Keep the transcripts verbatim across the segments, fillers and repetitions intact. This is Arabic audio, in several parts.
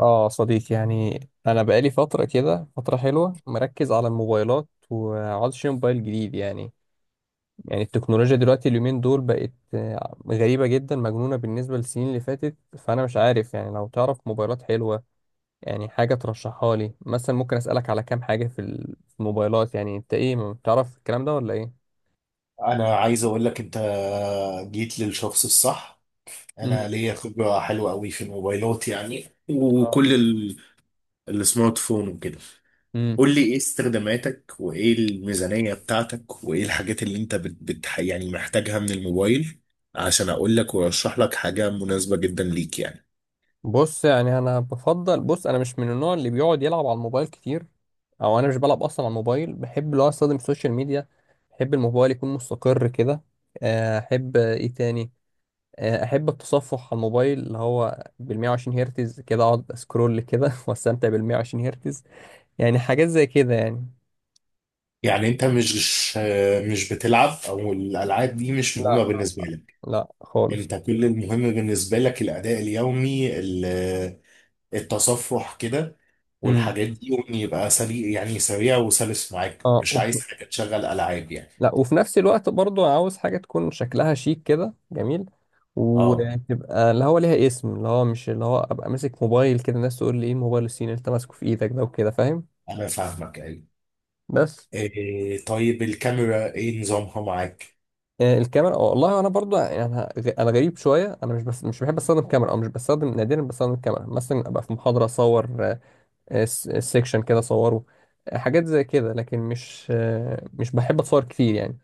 اه صديقي، يعني انا بقالي فتره كده، فتره حلوه مركز على الموبايلات وعاوز اشتري موبايل جديد يعني يعني التكنولوجيا دلوقتي اليومين دول بقت آه، غريبه جدا، مجنونه بالنسبه للسنين اللي فاتت. فانا مش عارف، يعني لو تعرف موبايلات حلوه يعني حاجه ترشحها لي مثلا. ممكن اسالك على كام حاجه في ال- في الموبايلات؟ يعني انت ايه، ما بتعرف الكلام ده ولا ايه؟ انا عايز اقول لك. انت جيت للشخص الصح. انا امم ليا خبره حلوه قوي في الموبايلات، يعني وكل ال- السمارت فون وكده. اه، قول لي ايه استخداماتك، وايه الميزانيه بتاعتك، وايه الحاجات اللي انت بت بت يعني محتاجها من الموبايل، عشان اقول لك وارشح لك حاجه مناسبه جدا ليك يعني. بص يعني انا بفضل، بص، انا مش من النوع اللي بيقعد يلعب على الموبايل كتير، او انا مش بلعب اصلا على الموبايل. بحب لو استخدم السوشيال ميديا. بحب الموبايل يكون مستقر كده. آه، احب ايه تاني؟ آه، احب التصفح على الموبايل اللي هو بال 120 هرتز، كده اقعد اسكرول كده واستمتع بال 120 هرتز، يعني حاجات زي كده يعني. يعني انت مش مش بتلعب، او الالعاب دي مش لا، مهمه لا. بالنسبه لك. لا خالص. انت كل المهم بالنسبه لك الاداء اليومي، التصفح كده، امم والحاجات مم. دي، وان يبقى سريع، يعني سريع وسلس معاك، اه. مش عايز حاجه تشغل العاب يعني. لا، وفي نفس الوقت برضو انا عاوز حاجة تكون شكلها شيك كده، جميل. مم. اه، وتبقى اللي هو ليها اسم، اللي هو مش اللي هو ابقى ماسك موبايل كده الناس تقول لي ايه الموبايل الصيني اللي انت ماسكه في ايدك ده وكده، فاهم. انا فاهمك، ايوه. بس إيه طيب، الكاميرا ايه نظامها معاك؟ آه، الكاميرا، آه، والله انا برضو يعني انا غ- أنا غريب شويه. انا مش بس مش بحب استخدم كاميرا، او مش بستخدم، نادرا بستخدم الكاميرا. مثلا ابقى في محاضره اصور، آه، آه، س- سيكشن كده اصوره. آه، حاجات زي كده لكن مش آه، مش بحب اتصور كتير يعني.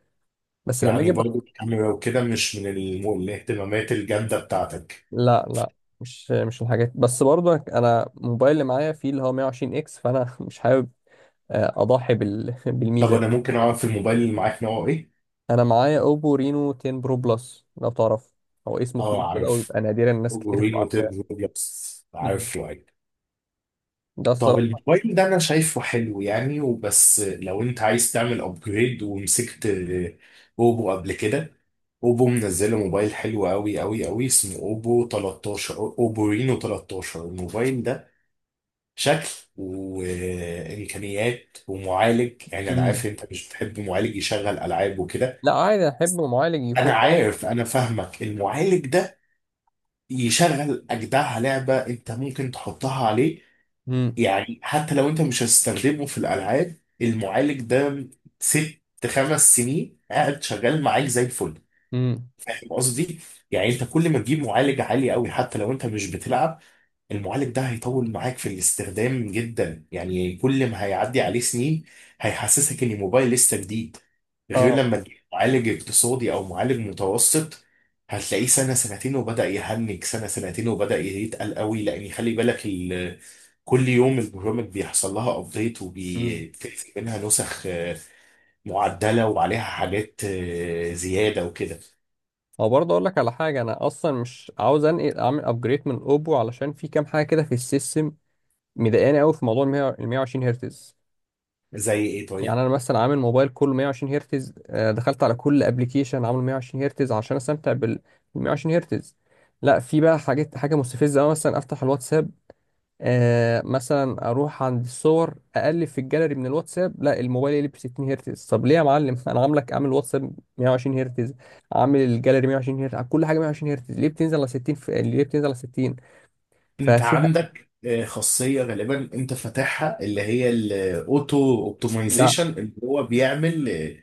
بس لما يعني اجي، برضو الكاميرا وكده مش من الم- الاهتمامات الجامده بتاعتك. لا لا. مش مش الحاجات. بس برضه انا الموبايل اللي معايا فيه اللي هو مية وعشرين اكس، فانا مش حابب آه، اضحي بال... طب بالميزه دي. انا ممكن اعرف الموبايل اللي معاك نوعه ايه؟ انا معايا اوبو رينو عشرة برو بلس، لو تعرف. هو اسمه طويل اه كده عارف، ويبقى نادرا الناس كتير جرين تبقى عارفاه. وتيب، بس مم. عارف. ده طب الصراحه. الموبايل ده انا شايفه حلو يعني، وبس لو انت عايز تعمل ابجريد ومسكت آه، اوبو قبل كده، اوبو منزله موبايل حلو قوي قوي قوي، اسمه اوبو تلتاشر، اوبو رينو تلتاشر. الموبايل ده شكل وامكانيات ومعالج، يعني انا عارف مم. انت مش بتحب معالج يشغل العاب وكده. لا، عادي، احب معالج يكون انا قوي. عارف، انا مم. فاهمك. المعالج ده يشغل اجدع لعبه انت ممكن تحطها عليه. مم. يعني حتى لو انت مش هتستخدمه في الالعاب، المعالج ده ست، خمس سنين قاعد شغال معاك زي الفل. مم. فاهم قصدي؟ يعني انت كل ما تجيب معالج عالي قوي حتى لو انت مش بتلعب، المعالج ده هيطول معاك في الاستخدام جدا، يعني كل ما هيعدي عليه سنين هيحسسك ان الموبايل لسه جديد. غير اه. لما تجيب معالج اقتصادي او معالج متوسط، هتلاقيه سنه سنتين وبدا يهنج، سنه سنتين وبدا يتقل قوي، لان خلي بالك ال... كل يوم البرامج بيحصل لها ابديت مم. وبتنزل منها نسخ آه، معدله وعليها حاجات آه، زياده وكده. هو برضه اقول لك على حاجه، انا اصلا مش عاوز انقل اعمل ابجريد من اوبو علشان في كام حاجه كده في السيستم مضايقاني قوي، في موضوع ال 120 هرتز. زي ايه يعني طيب؟ انا مثلا عامل موبايل كله 120 هرتز، آه، دخلت على كل ابلكيشن عامله 120 هرتز عشان استمتع بال 120 هرتز. لا، في بقى حاجات، حاجه مستفزه أوي. مثلا افتح الواتساب، آه مثلا اروح عند الصور اقلب في الجاليري من الواتساب، لا الموبايل يقلب 60 هرتز. طب ليه يا معلم؟ انا عاملك عامل واتساب 120 هرتز، عامل الجاليري 120 هرتز، كل حاجه 120 هرتز، ليه بتنزل على ستين في... ليه بتنزل على ستين؟ انت ففيها، عندك آه، خاصيه غالبا انت فاتحها، اللي هي الاوتو لا اوبتمايزيشن، اللي هو بيعمل آه،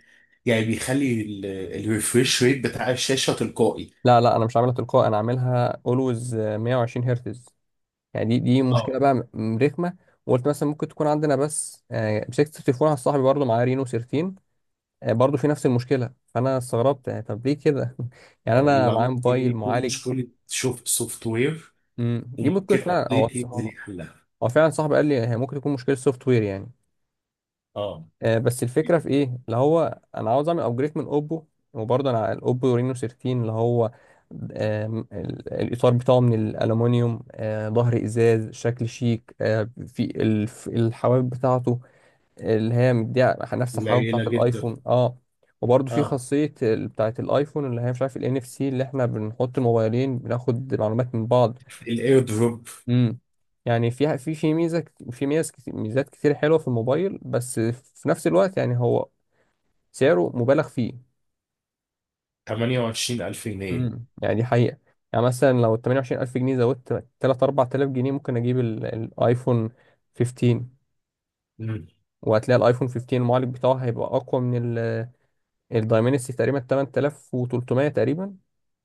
يعني بيخلي الريفريش ريت بتاع الشاشه تلقائي. لا، لا انا مش عاملها تلقائي، انا عاملها اولويز 120 هرتز. يعني دي دي مشكله اه بقى، م- رخمه. وقلت مثلا ممكن تكون عندنا بس آه، مسكت التليفون على صاحبي برضه معاه رينو سيرتين، آه، برضه في نفس المشكله. فانا استغربت يعني، طب ليه كده؟ يعني اه، انا يبقى معايا ممكن موبايل دي تكون معالج. مشكلة شوف سوفت وير، مم، دي وممكن ممكن فعلا. هو ابديت يبقى هو ليه حلها. هو فعلا صاحبي قال لي هي ممكن تكون مشكله سوفت وير يعني. اه. آه، بس الفكره في ايه، اللي هو انا عاوز اعمل ابجريد من اوبو. وبرضه انا الاوبو رينو تلتاشر اللي هو، آم، ال- الإطار بتاعه من الألومنيوم، آه، ظهر إزاز، شكل شيك، آه، في الف- الحواف بتاعته اللي هي مديها نفس الحلاوه قليلة بتاعت جدا. الايفون. اه. وبرضه في اه، خاصيه ال- بتاعت الايفون اللي هي، مش عارف، الان اف سي، اللي احنا بنحط الموبايلين بناخد معلومات من بعض. الاير دروب. امم. يعني فيها، في في ميزه كت- في ميزه كت- ميزات كتير حلوه في الموبايل، بس في نفس الوقت يعني هو سعره مبالغ فيه. تمنية وعشرين الف جنيه. امم، يعني دي حقيقه. يعني مثلا لو ثمانية وعشرين ألف جنيه زودت ثلاثة اربعة الاف جنيه ممكن اجيب ال- الايفون خمستاشر. مم. وهتلاقي الايفون خمستاشر المعالج بتاعه هيبقى اقوى من الدايمنسي تقريبا تمنتلاف وتلتمية تقريبا.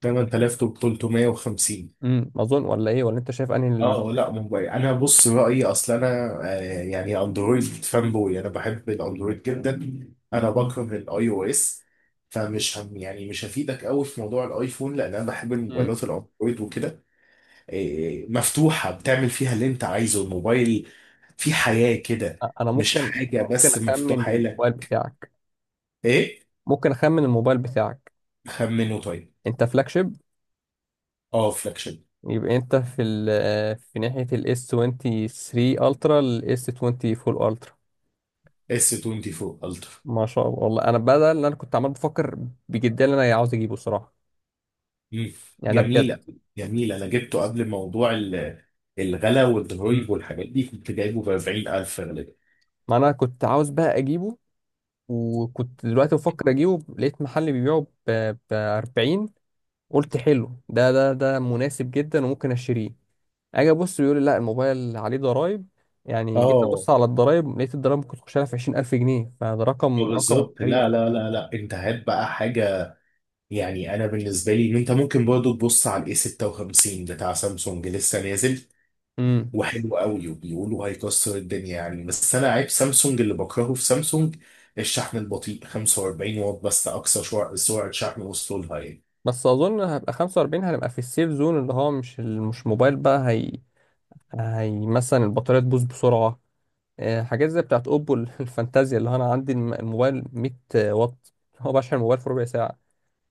ثمانية آلاف ثلاثمائة وخمسين. امم، اظن، ولا ايه؟ ولا انت شايف انهي ال- اه، لا موبايل. انا بص رأيي، اصل انا آه، يعني اندرويد فان بوي، انا بحب الاندرويد جدا، انا بكره الاي او اس. فمش هم، يعني مش هفيدك قوي في موضوع الايفون، لان انا بحب امم، الموبايلات الاندرويد وكده. إيه، مفتوحة بتعمل فيها اللي انت عايزه الموبايل، في حياة كده، انا مش ممكن، حاجة ممكن بس اخمن مفتوحة لك. الموبايل بتاعك، ايه؟ ممكن اخمن الموبايل بتاعك؟ خمنه طيب. انت فلاج شيب. اه، فلاكشن. يبقى انت في ال آه، في ناحية الاس تلاتة وعشرين الترا، الاس اربعة وعشرين الترا. اس اربعة وعشرين الترا. ما شاء الله، والله انا بدل اللي انا كنت عمال بفكر بجدية اللي انا عاوز اجيبه صراحة. مم. يعني ده بجد. جميلة. جميلة، انا جبته قبل موضوع ال- الغلا والضرايب امم. والحاجات دي، كنت جايبه ب اربعين الف غالبا. ما انا كنت عاوز بقى اجيبه، وكنت دلوقتي بفكر اجيبه لقيت محل بيبيعه ب اربعين. قلت حلو، ده ده ده مناسب جدا وممكن اشتريه. اجي ابص بيقول لي لا الموبايل عليه ضرايب. يعني جيت اه ابص على الضرايب لقيت الضرايب ممكن تخش لها في عشرين ألف جنيه. فده رقم رقم بالظبط. غريب. لا لا لا لا، انت هات بقى حاجة. يعني انا بالنسبة لي انت ممكن برضو تبص على الاي ستة وخمسين بتاع سامسونج، لسه نازل امم. وحلو قوي، وبيقولوا هيكسر الدنيا يعني. بس انا عيب سامسونج، اللي بكرهه في سامسونج الشحن البطيء، خمسة واربعين واط بس اقصى شع- سرعه شحن وصلوا لها يعني. بس اظن هبقى خمسة واربعين، هنبقى في السيف زون اللي هو مش ال- مش موبايل بقى. هي هي مثلا البطاريه تبوظ بسرعه. آه، حاجات زي بتاعت اوبو. الفانتازيا اللي هو انا عندي الم- الموبايل 100 واط، هو بشحن الموبايل في ربع ساعه.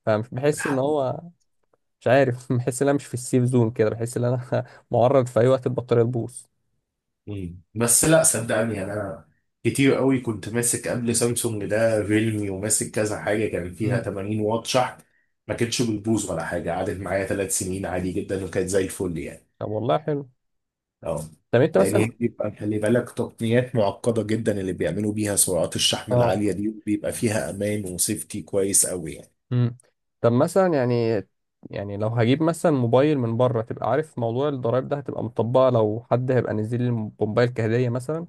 فمش بحس ان الحق. هو، مش عارف، بحس ان انا مش في السيف زون كده، بحس ان انا معرض في اي وقت البطاريه تبوظ. مم. بس لا صدقني يعني، انا كتير قوي كنت ماسك قبل سامسونج ده ريلمي، وماسك كذا حاجه كان فيها امم. تمانين واط شحن، ما كانتش بيبوظ ولا حاجه، قعدت معايا ثلاث سنين عادي جدا، وكانت زي الفل يعني. طب والله حلو. اه، طب انت لان هي مثلا، بيبقى خلي بالك تقنيات معقده جدا اللي بيعملوا بيها سرعات الشحن اه. العاليه دي، بيبقى فيها امان وسيفتي كويس قوي يعني. امم. طب مثلا يعني يعني لو هجيب مثلا موبايل من بره تبقى عارف موضوع الضرايب ده هتبقى مطبقه، لو حد هيبقى نزل لي موبايل كهديه مثلا.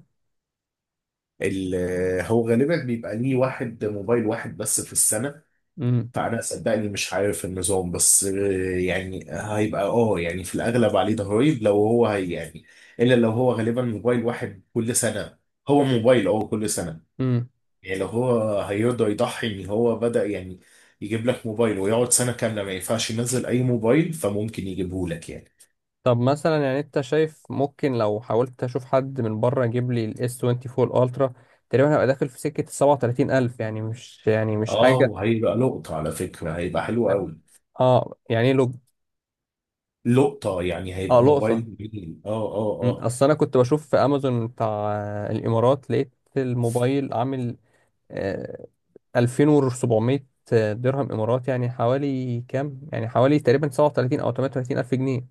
ال- هو غالبا بيبقى ليه واحد، موبايل واحد بس في السنه. امم. فانا صدقني مش عارف النظام، بس آه، يعني هيبقى اه، يعني في الاغلب عليه ضرايب لو هو هي يعني، الا لو هو غالبا موبايل واحد كل سنه، هو موبايل اه كل سنه. امم. يعني لو هو هيرضى يضحي ان هو بدأ يعني يجيب لك موبايل ويقعد سنة كاملة ما ينفعش ينزل اي موبايل، فممكن يجيبه لك يعني. طب مثلا يعني، انت شايف ممكن لو حاولت اشوف حد من بره يجيب لي الاس اربعة وعشرين الترا تقريبا هبقى داخل في سكه سبعة وتلاتين الف، يعني مش، يعني مش اه، حاجه. وهيبقى لقطة على فكرة، هيبقى حلو قوي. اه. يعني ايه لو. لقطة يعني، اه، هيبقى لقطه. موبايل جميل. اه اه مم. اه. اصل انا كنت بشوف في امازون بتاع آه، الامارات، لقيت الموبايل عامل آه، ألفين وسبعمائة درهم امارات، يعني حوالي كام، يعني حوالي تقريبا سبعة وثلاثين او تمنية وتلاتين الف جنيه.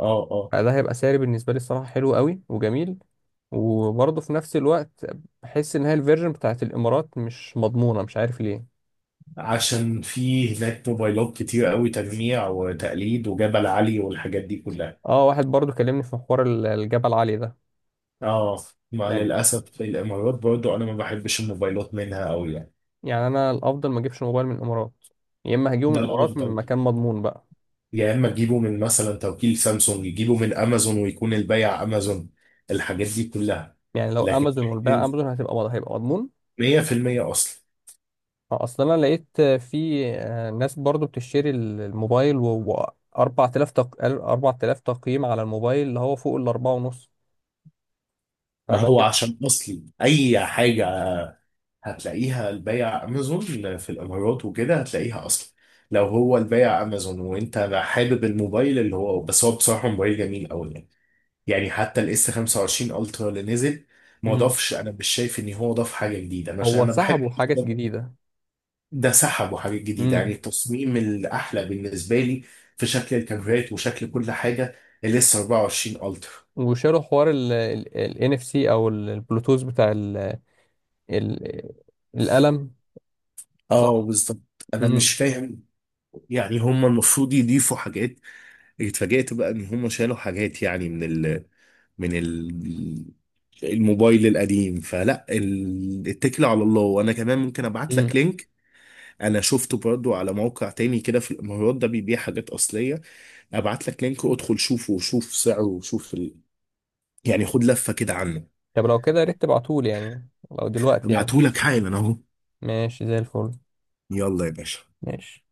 اه اه، فده هيبقى سعر بالنسبه لي الصراحه حلو قوي وجميل. وبرضه في نفس الوقت بحس ان هي الفيرجن بتاعت الامارات مش مضمونه، مش عارف ليه. عشان في هناك موبايلات كتير قوي تجميع وتقليد وجبل علي والحاجات دي كلها. اه، واحد برضه كلمني في محور ال- الجبل العالي ده. اه، مع يعني للأسف في الإمارات برضو أنا ما بحبش الموبايلات منها قوي يعني. يعني انا الافضل ما اجيبش موبايل من الامارات، يا اما هجيبه من ده الامارات من الأفضل. مكان مضمون بقى. يا اما تجيبه من مثلا توكيل سامسونج، يجيبه من امازون ويكون البيع امازون، الحاجات دي كلها. يعني لو لكن امازون والبيع امازون هتبقى مض- هيبقى مضمون. ميه في الميه اصلي. آه، اصل انا لقيت آه، في آه، ناس برضو بتشتري ال- الموبايل و اربعة الاف تق... اربعة الاف تقييم على الموبايل اللي هو فوق الأربعة ونص. ما فده هو كده. عشان اصلي اي حاجه هتلاقيها البيع امازون في الامارات وكده هتلاقيها اصلي. لو هو البيع امازون، وانت حابب الموبايل اللي هو، بس هو بصراحه موبايل جميل قوي يعني. يعني حتى الاس خمسة وعشرين الترا اللي نزل، ما مم. ضافش، انا مش شايف ان هو ضاف حاجه جديده، انا عشان هو انا بحب. سحبوا حاجات جديدة. ده سحبوا حاجات جديدة، يعني امم. التصميم الأحلى بالنسبة لي، في شكل الكاميرات وشكل كل حاجة، الاس اربعة وعشرين الترا. وشالوا حوار ال ان اف سي او ال- البلوتوث بتاع ال ال القلم. اه صح. بالظبط، انا مش امم. فاهم. يعني هم المفروض يضيفوا حاجات، اتفاجئت بقى ان هم شالوا حاجات يعني من ال من ال الموبايل القديم. فلا ال- اتكل على الله، وانا كمان ممكن ابعت امم. لك لينك. انا شفته برضو على موقع تاني كده في الامارات، ده بيبيع حاجات اصلية، ابعت لك لينك وادخل شوفه وشوف سعره وشوف ال... يعني خد لفة كده عنه. طب لو كده يا ريت تبعتولي يعني، لو دلوقتي يعني. ابعتهولك حالا اهو. ماشي، زي الفل. يلا يا باشا. ماشي.